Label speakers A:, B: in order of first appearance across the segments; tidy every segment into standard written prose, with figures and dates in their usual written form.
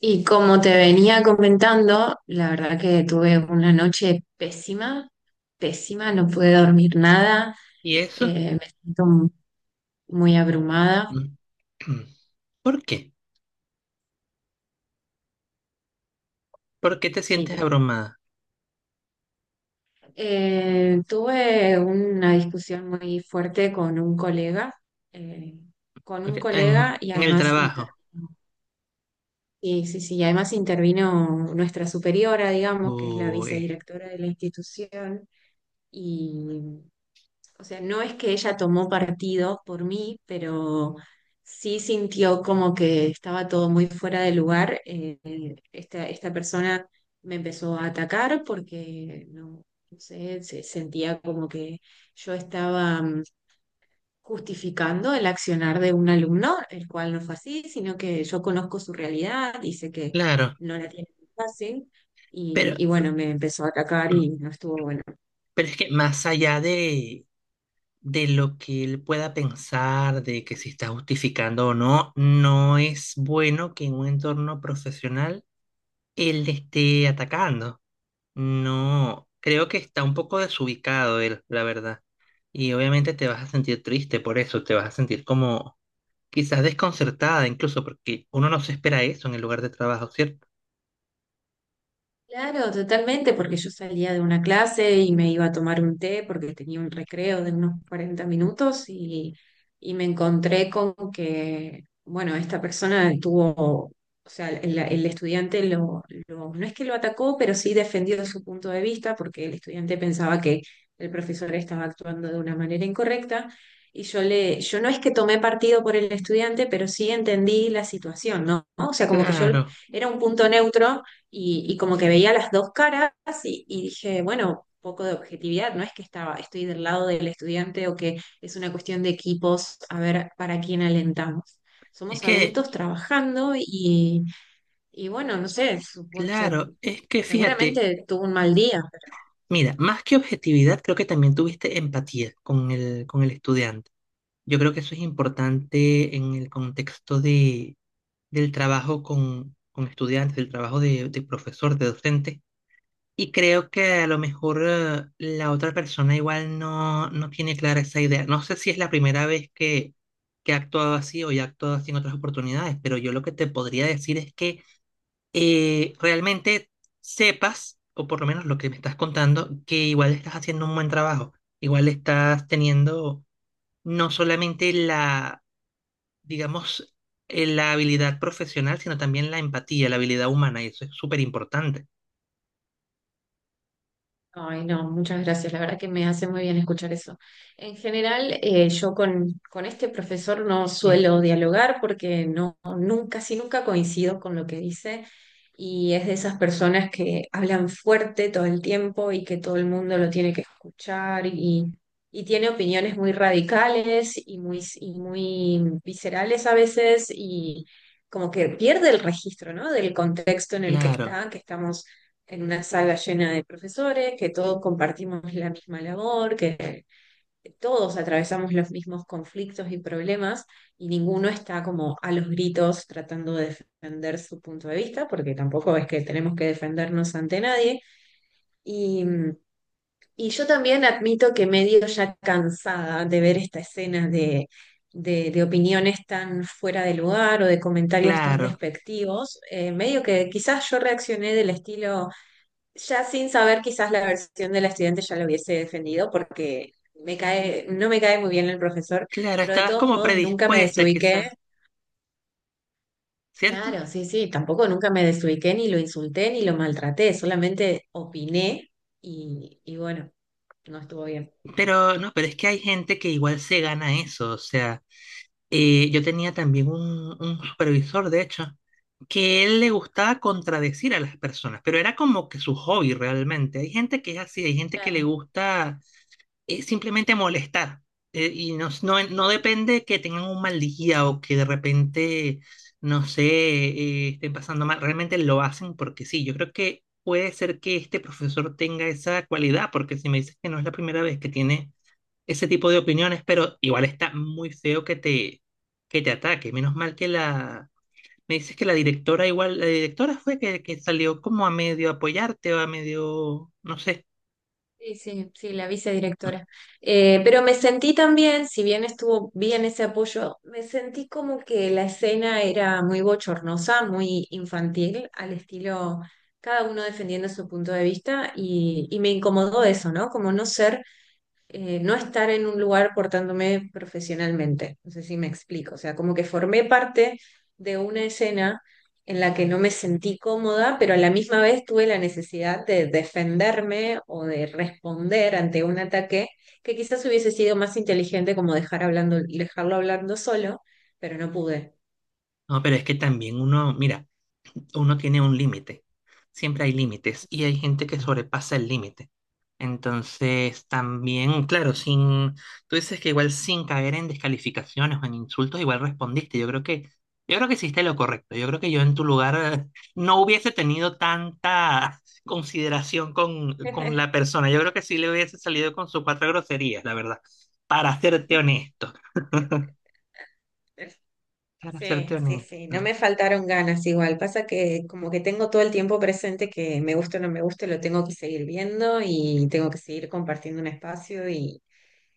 A: Y como te venía comentando, la verdad que tuve una noche pésima, pésima, no pude dormir nada.
B: ¿Y eso?
A: Me siento muy abrumada.
B: Mm. ¿Por qué? ¿Por qué te
A: Sí,
B: sientes
A: te-
B: abrumada?
A: Tuve una discusión muy fuerte eh, con
B: Ok,
A: un colega
B: En,
A: y
B: en el
A: además
B: trabajo.
A: intervino, sí, sí, sí, y además intervino nuestra superiora, digamos, que es la
B: Uy,
A: vicedirectora de la institución. Y o sea, no es que ella tomó partido por mí, pero sí sintió como que estaba todo muy fuera de lugar. Esta persona me empezó a atacar porque, no, no sé, se sentía como que yo estaba justificando el accionar de un alumno, el cual no fue así, sino que yo conozco su realidad y sé que
B: claro,
A: no la tiene fácil.
B: pero,
A: Y bueno, me empezó a atacar
B: mm,
A: y no estuvo bueno.
B: pero es que más allá de lo que él pueda pensar, de que si está justificando o no, no es bueno que en un entorno profesional él le esté atacando. No, creo que está un poco desubicado él, la verdad. Y obviamente te vas a sentir triste por eso, te vas a sentir como... quizás desconcertada incluso, porque uno no se espera eso en el lugar de trabajo, ¿cierto?
A: Claro, totalmente, porque yo salía de una clase y me iba a tomar un té porque tenía un recreo de unos 40 minutos y me encontré con que, bueno, esta persona tuvo, o sea, el estudiante no es que lo atacó, pero sí defendió su punto de vista porque el estudiante pensaba que el profesor estaba actuando de una manera incorrecta y yo no es que tomé partido por el estudiante, pero sí entendí la situación, ¿no? O sea, como que yo
B: Claro,
A: era un punto neutro y como que veía las dos caras y dije, bueno, poco de objetividad, no es que estaba, estoy del lado del estudiante o que es una cuestión de equipos, a ver para quién alentamos.
B: es
A: Somos
B: que,
A: adultos trabajando y bueno, no sé,
B: claro, es que fíjate,
A: seguramente tuvo un mal día.
B: mira, más que objetividad, creo que también tuviste empatía con el estudiante. Yo creo que eso es importante en el contexto del trabajo con estudiantes, del trabajo de profesor, de docente. Y creo que a lo mejor la otra persona igual no tiene clara esa idea. No sé si es la primera vez que ha actuado así o ya ha actuado así en otras oportunidades, pero yo lo que te podría decir es que realmente sepas, o por lo menos lo que me estás contando, que igual estás haciendo un buen trabajo. Igual estás teniendo no solamente digamos, la habilidad profesional, sino también la empatía, la habilidad humana, y eso es súper importante.
A: Ay, no, muchas gracias. La verdad que me hace muy bien escuchar eso. En general, yo con este profesor no
B: Mm,
A: suelo dialogar porque no, nunca, casi nunca coincido con lo que dice y es de esas personas que hablan fuerte todo el tiempo y que todo el mundo lo tiene que escuchar y tiene opiniones muy radicales y muy viscerales a veces y como que pierde el registro, ¿no? Del contexto en el que
B: claro,
A: está, que estamos en una sala llena de profesores, que todos compartimos la misma labor, que todos atravesamos los mismos conflictos y problemas y ninguno está como a los gritos tratando de defender su punto de vista, porque tampoco es que tenemos que defendernos ante nadie. Y, y yo también admito que medio ya cansada de ver esta escena de... De opiniones tan fuera de lugar o de comentarios tan
B: claro.
A: despectivos, medio que quizás yo reaccioné del estilo, ya sin saber quizás la versión de la estudiante ya lo hubiese defendido porque me cae, no me cae muy bien el profesor,
B: Claro,
A: pero de
B: estabas
A: todos
B: como
A: modos nunca me
B: predispuesta
A: desubiqué.
B: quizás, ¿cierto?
A: Claro, sí, sí, tampoco nunca me desubiqué ni lo insulté ni lo maltraté, solamente opiné y bueno, no estuvo bien.
B: Pero no, pero es que hay gente que igual se gana eso. O sea, yo tenía también un supervisor, de hecho, que él le gustaba contradecir a las personas, pero era como que su hobby realmente. Hay gente que es así, hay gente que le
A: Claro.
B: gusta es simplemente molestar. Y no depende que tengan un mal día o que de repente, no sé, estén pasando mal. Realmente lo hacen porque sí. Yo creo que puede ser que este profesor tenga esa cualidad, porque si me dices que no es la primera vez que tiene ese tipo de opiniones, pero igual está muy feo que te ataque. Menos mal que la... Me dices que la directora igual, la directora fue que salió como a medio apoyarte o a medio, no sé.
A: Sí, sí, sí, la vicedirectora. Pero me sentí también, si bien estuvo bien ese apoyo, me sentí como que la escena era muy bochornosa, muy infantil, al estilo cada uno defendiendo su punto de vista y me incomodó eso, ¿no? Como no ser no estar en un lugar portándome profesionalmente. No sé si me explico. O sea, como que formé parte de una escena en la que no me sentí cómoda, pero a la misma vez tuve la necesidad de defenderme o de responder ante un ataque que quizás hubiese sido más inteligente como dejar hablando, dejarlo hablando solo, pero no pude.
B: No, pero es que también uno, mira. Uno tiene un límite. Siempre hay límites y hay gente que sobrepasa el límite. Entonces, también, claro, sin, tú dices que igual sin caer en descalificaciones o en insultos, igual respondiste. Yo creo que hiciste lo correcto. Yo creo que yo en tu lugar eh, no hubiese tenido tanta consideración con la persona. Yo creo que sí le hubiese salido con sus cuatro groserías, la verdad. Para serte honesto. Para serte
A: Sí, sí,
B: honesto.
A: sí, no me faltaron ganas igual. Pasa que como que tengo todo el tiempo presente que me guste o no me guste, lo tengo que seguir viendo y tengo que seguir compartiendo un espacio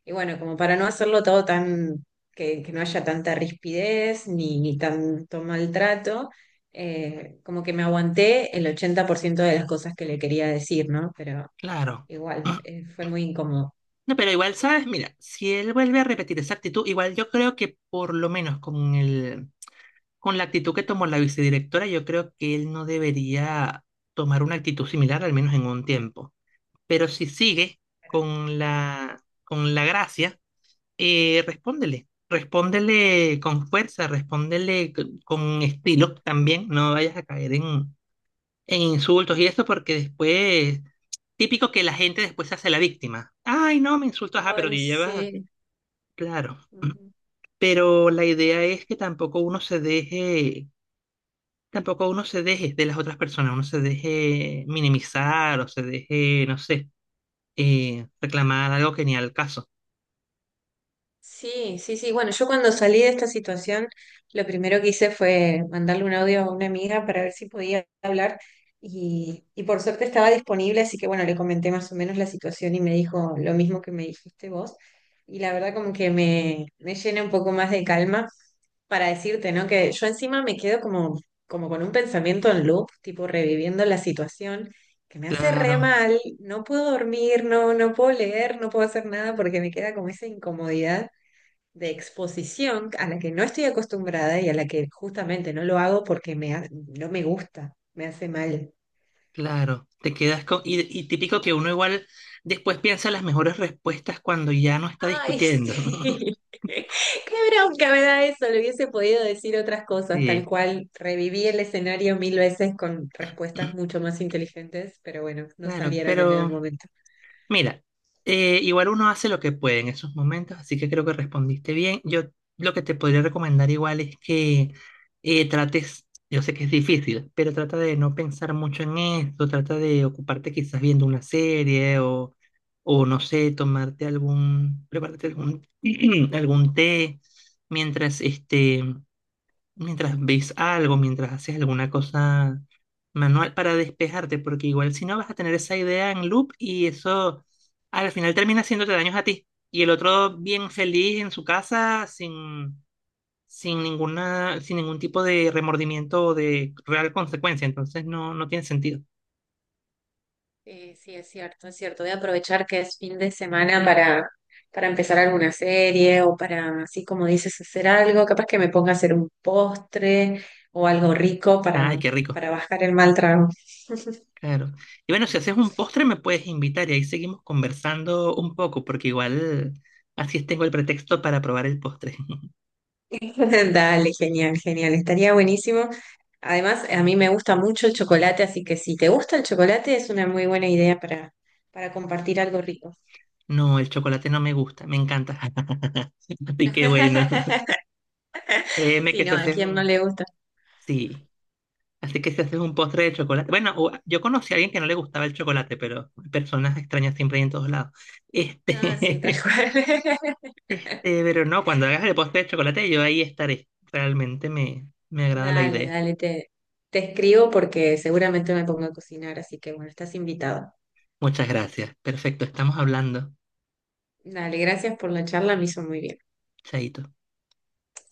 A: y bueno, como para no hacerlo todo tan, que no haya tanta rispidez ni tanto maltrato, como que me aguanté el 80% de las cosas que le quería decir, ¿no? Pero
B: Claro.
A: igual, fue muy incómodo.
B: No, pero igual, ¿sabes? Mira, si él vuelve a repetir esa actitud, igual yo creo que por lo menos con la actitud que tomó la vicedirectora, yo creo que él no debería tomar una actitud similar, al menos en un tiempo. Pero si sigue
A: Pero,
B: con la gracia, respóndele. Respóndele con fuerza, respóndele con estilo también. No vayas a caer en insultos y eso, porque después, típico que la gente después se hace la víctima. Ay, no, me insultas, ah, pero te
A: ay,
B: llevas
A: sí.
B: claro, pero la idea es que tampoco uno se deje, tampoco uno se deje de las otras personas, uno se deje minimizar o se deje, no sé, reclamar algo que ni al caso.
A: Sí, sí, sí. Bueno, yo cuando salí de esta situación, lo primero que hice fue mandarle un audio a una amiga para ver si podía hablar y por suerte estaba disponible, así que bueno, le comenté más o menos la situación y me dijo lo mismo que me dijiste vos. Y la verdad como que me llena un poco más de calma para decirte, ¿no? Que yo encima me quedo como, como con un pensamiento en loop, tipo reviviendo la situación, que me hace
B: Claro,
A: re mal, no puedo dormir, no puedo leer, no puedo hacer nada porque me queda como esa incomodidad de exposición a la que no estoy acostumbrada y a la que justamente no lo hago porque no me gusta, me hace mal.
B: claro, te quedas con... Y, y típico que uno igual después piensa las mejores respuestas cuando ya no está
A: Ay,
B: discutiendo.
A: sí. Qué bronca me da eso. Le hubiese podido decir otras cosas, tal
B: Sí,
A: cual reviví el escenario mil veces con respuestas mucho más inteligentes, pero bueno, no
B: claro,
A: salieron en el
B: pero...
A: momento.
B: Mira, igual uno hace lo que puede en esos momentos, así que creo que respondiste bien. Yo lo que te podría recomendar igual es que trates, yo sé que es difícil, pero trata de no pensar mucho en esto, trata de ocuparte quizás viendo una serie o no sé, tomarte algún, prepararte algún, algún té mientras este mientras ves algo, mientras haces alguna cosa manual para despejarte, porque igual si no vas a tener esa idea en loop y eso al final termina haciéndote daños a ti. Y el otro bien feliz en su casa sin, sin ninguna, sin ningún tipo de remordimiento o de real consecuencia, entonces no, no tiene sentido.
A: Sí, es cierto, es cierto. Voy a aprovechar que es fin de semana para empezar alguna serie o para, así como dices, hacer algo. Capaz que me ponga a hacer un postre o algo rico
B: Ay, qué rico.
A: para bajar el mal trago.
B: Claro. Y bueno, si haces un postre me puedes invitar y ahí seguimos conversando un poco, porque igual así tengo el pretexto para probar el postre.
A: Dale, genial, genial. Estaría buenísimo. Además, a mí me gusta mucho el chocolate, así que si te gusta el chocolate, es una muy buena idea para compartir algo rico.
B: No, el chocolate no me gusta, me encanta. Así que bueno, créeme
A: Sí,
B: que si
A: no, ¿a
B: haces
A: quién no
B: un...
A: le gusta?
B: Sí, así que si haces un postre de chocolate... Bueno, yo conocí a alguien que no le gustaba el chocolate, pero hay personas extrañas siempre hay en todos lados.
A: Ah, sí, tal
B: Este,
A: cual.
B: pero no, cuando hagas el postre de chocolate yo ahí estaré. Me agrada la
A: Dale,
B: idea.
A: dale, te escribo porque seguramente me pongo a cocinar, así que bueno, estás invitado.
B: Muchas gracias. Perfecto, estamos hablando.
A: Dale, gracias por la charla, me hizo muy bien.
B: Chaito.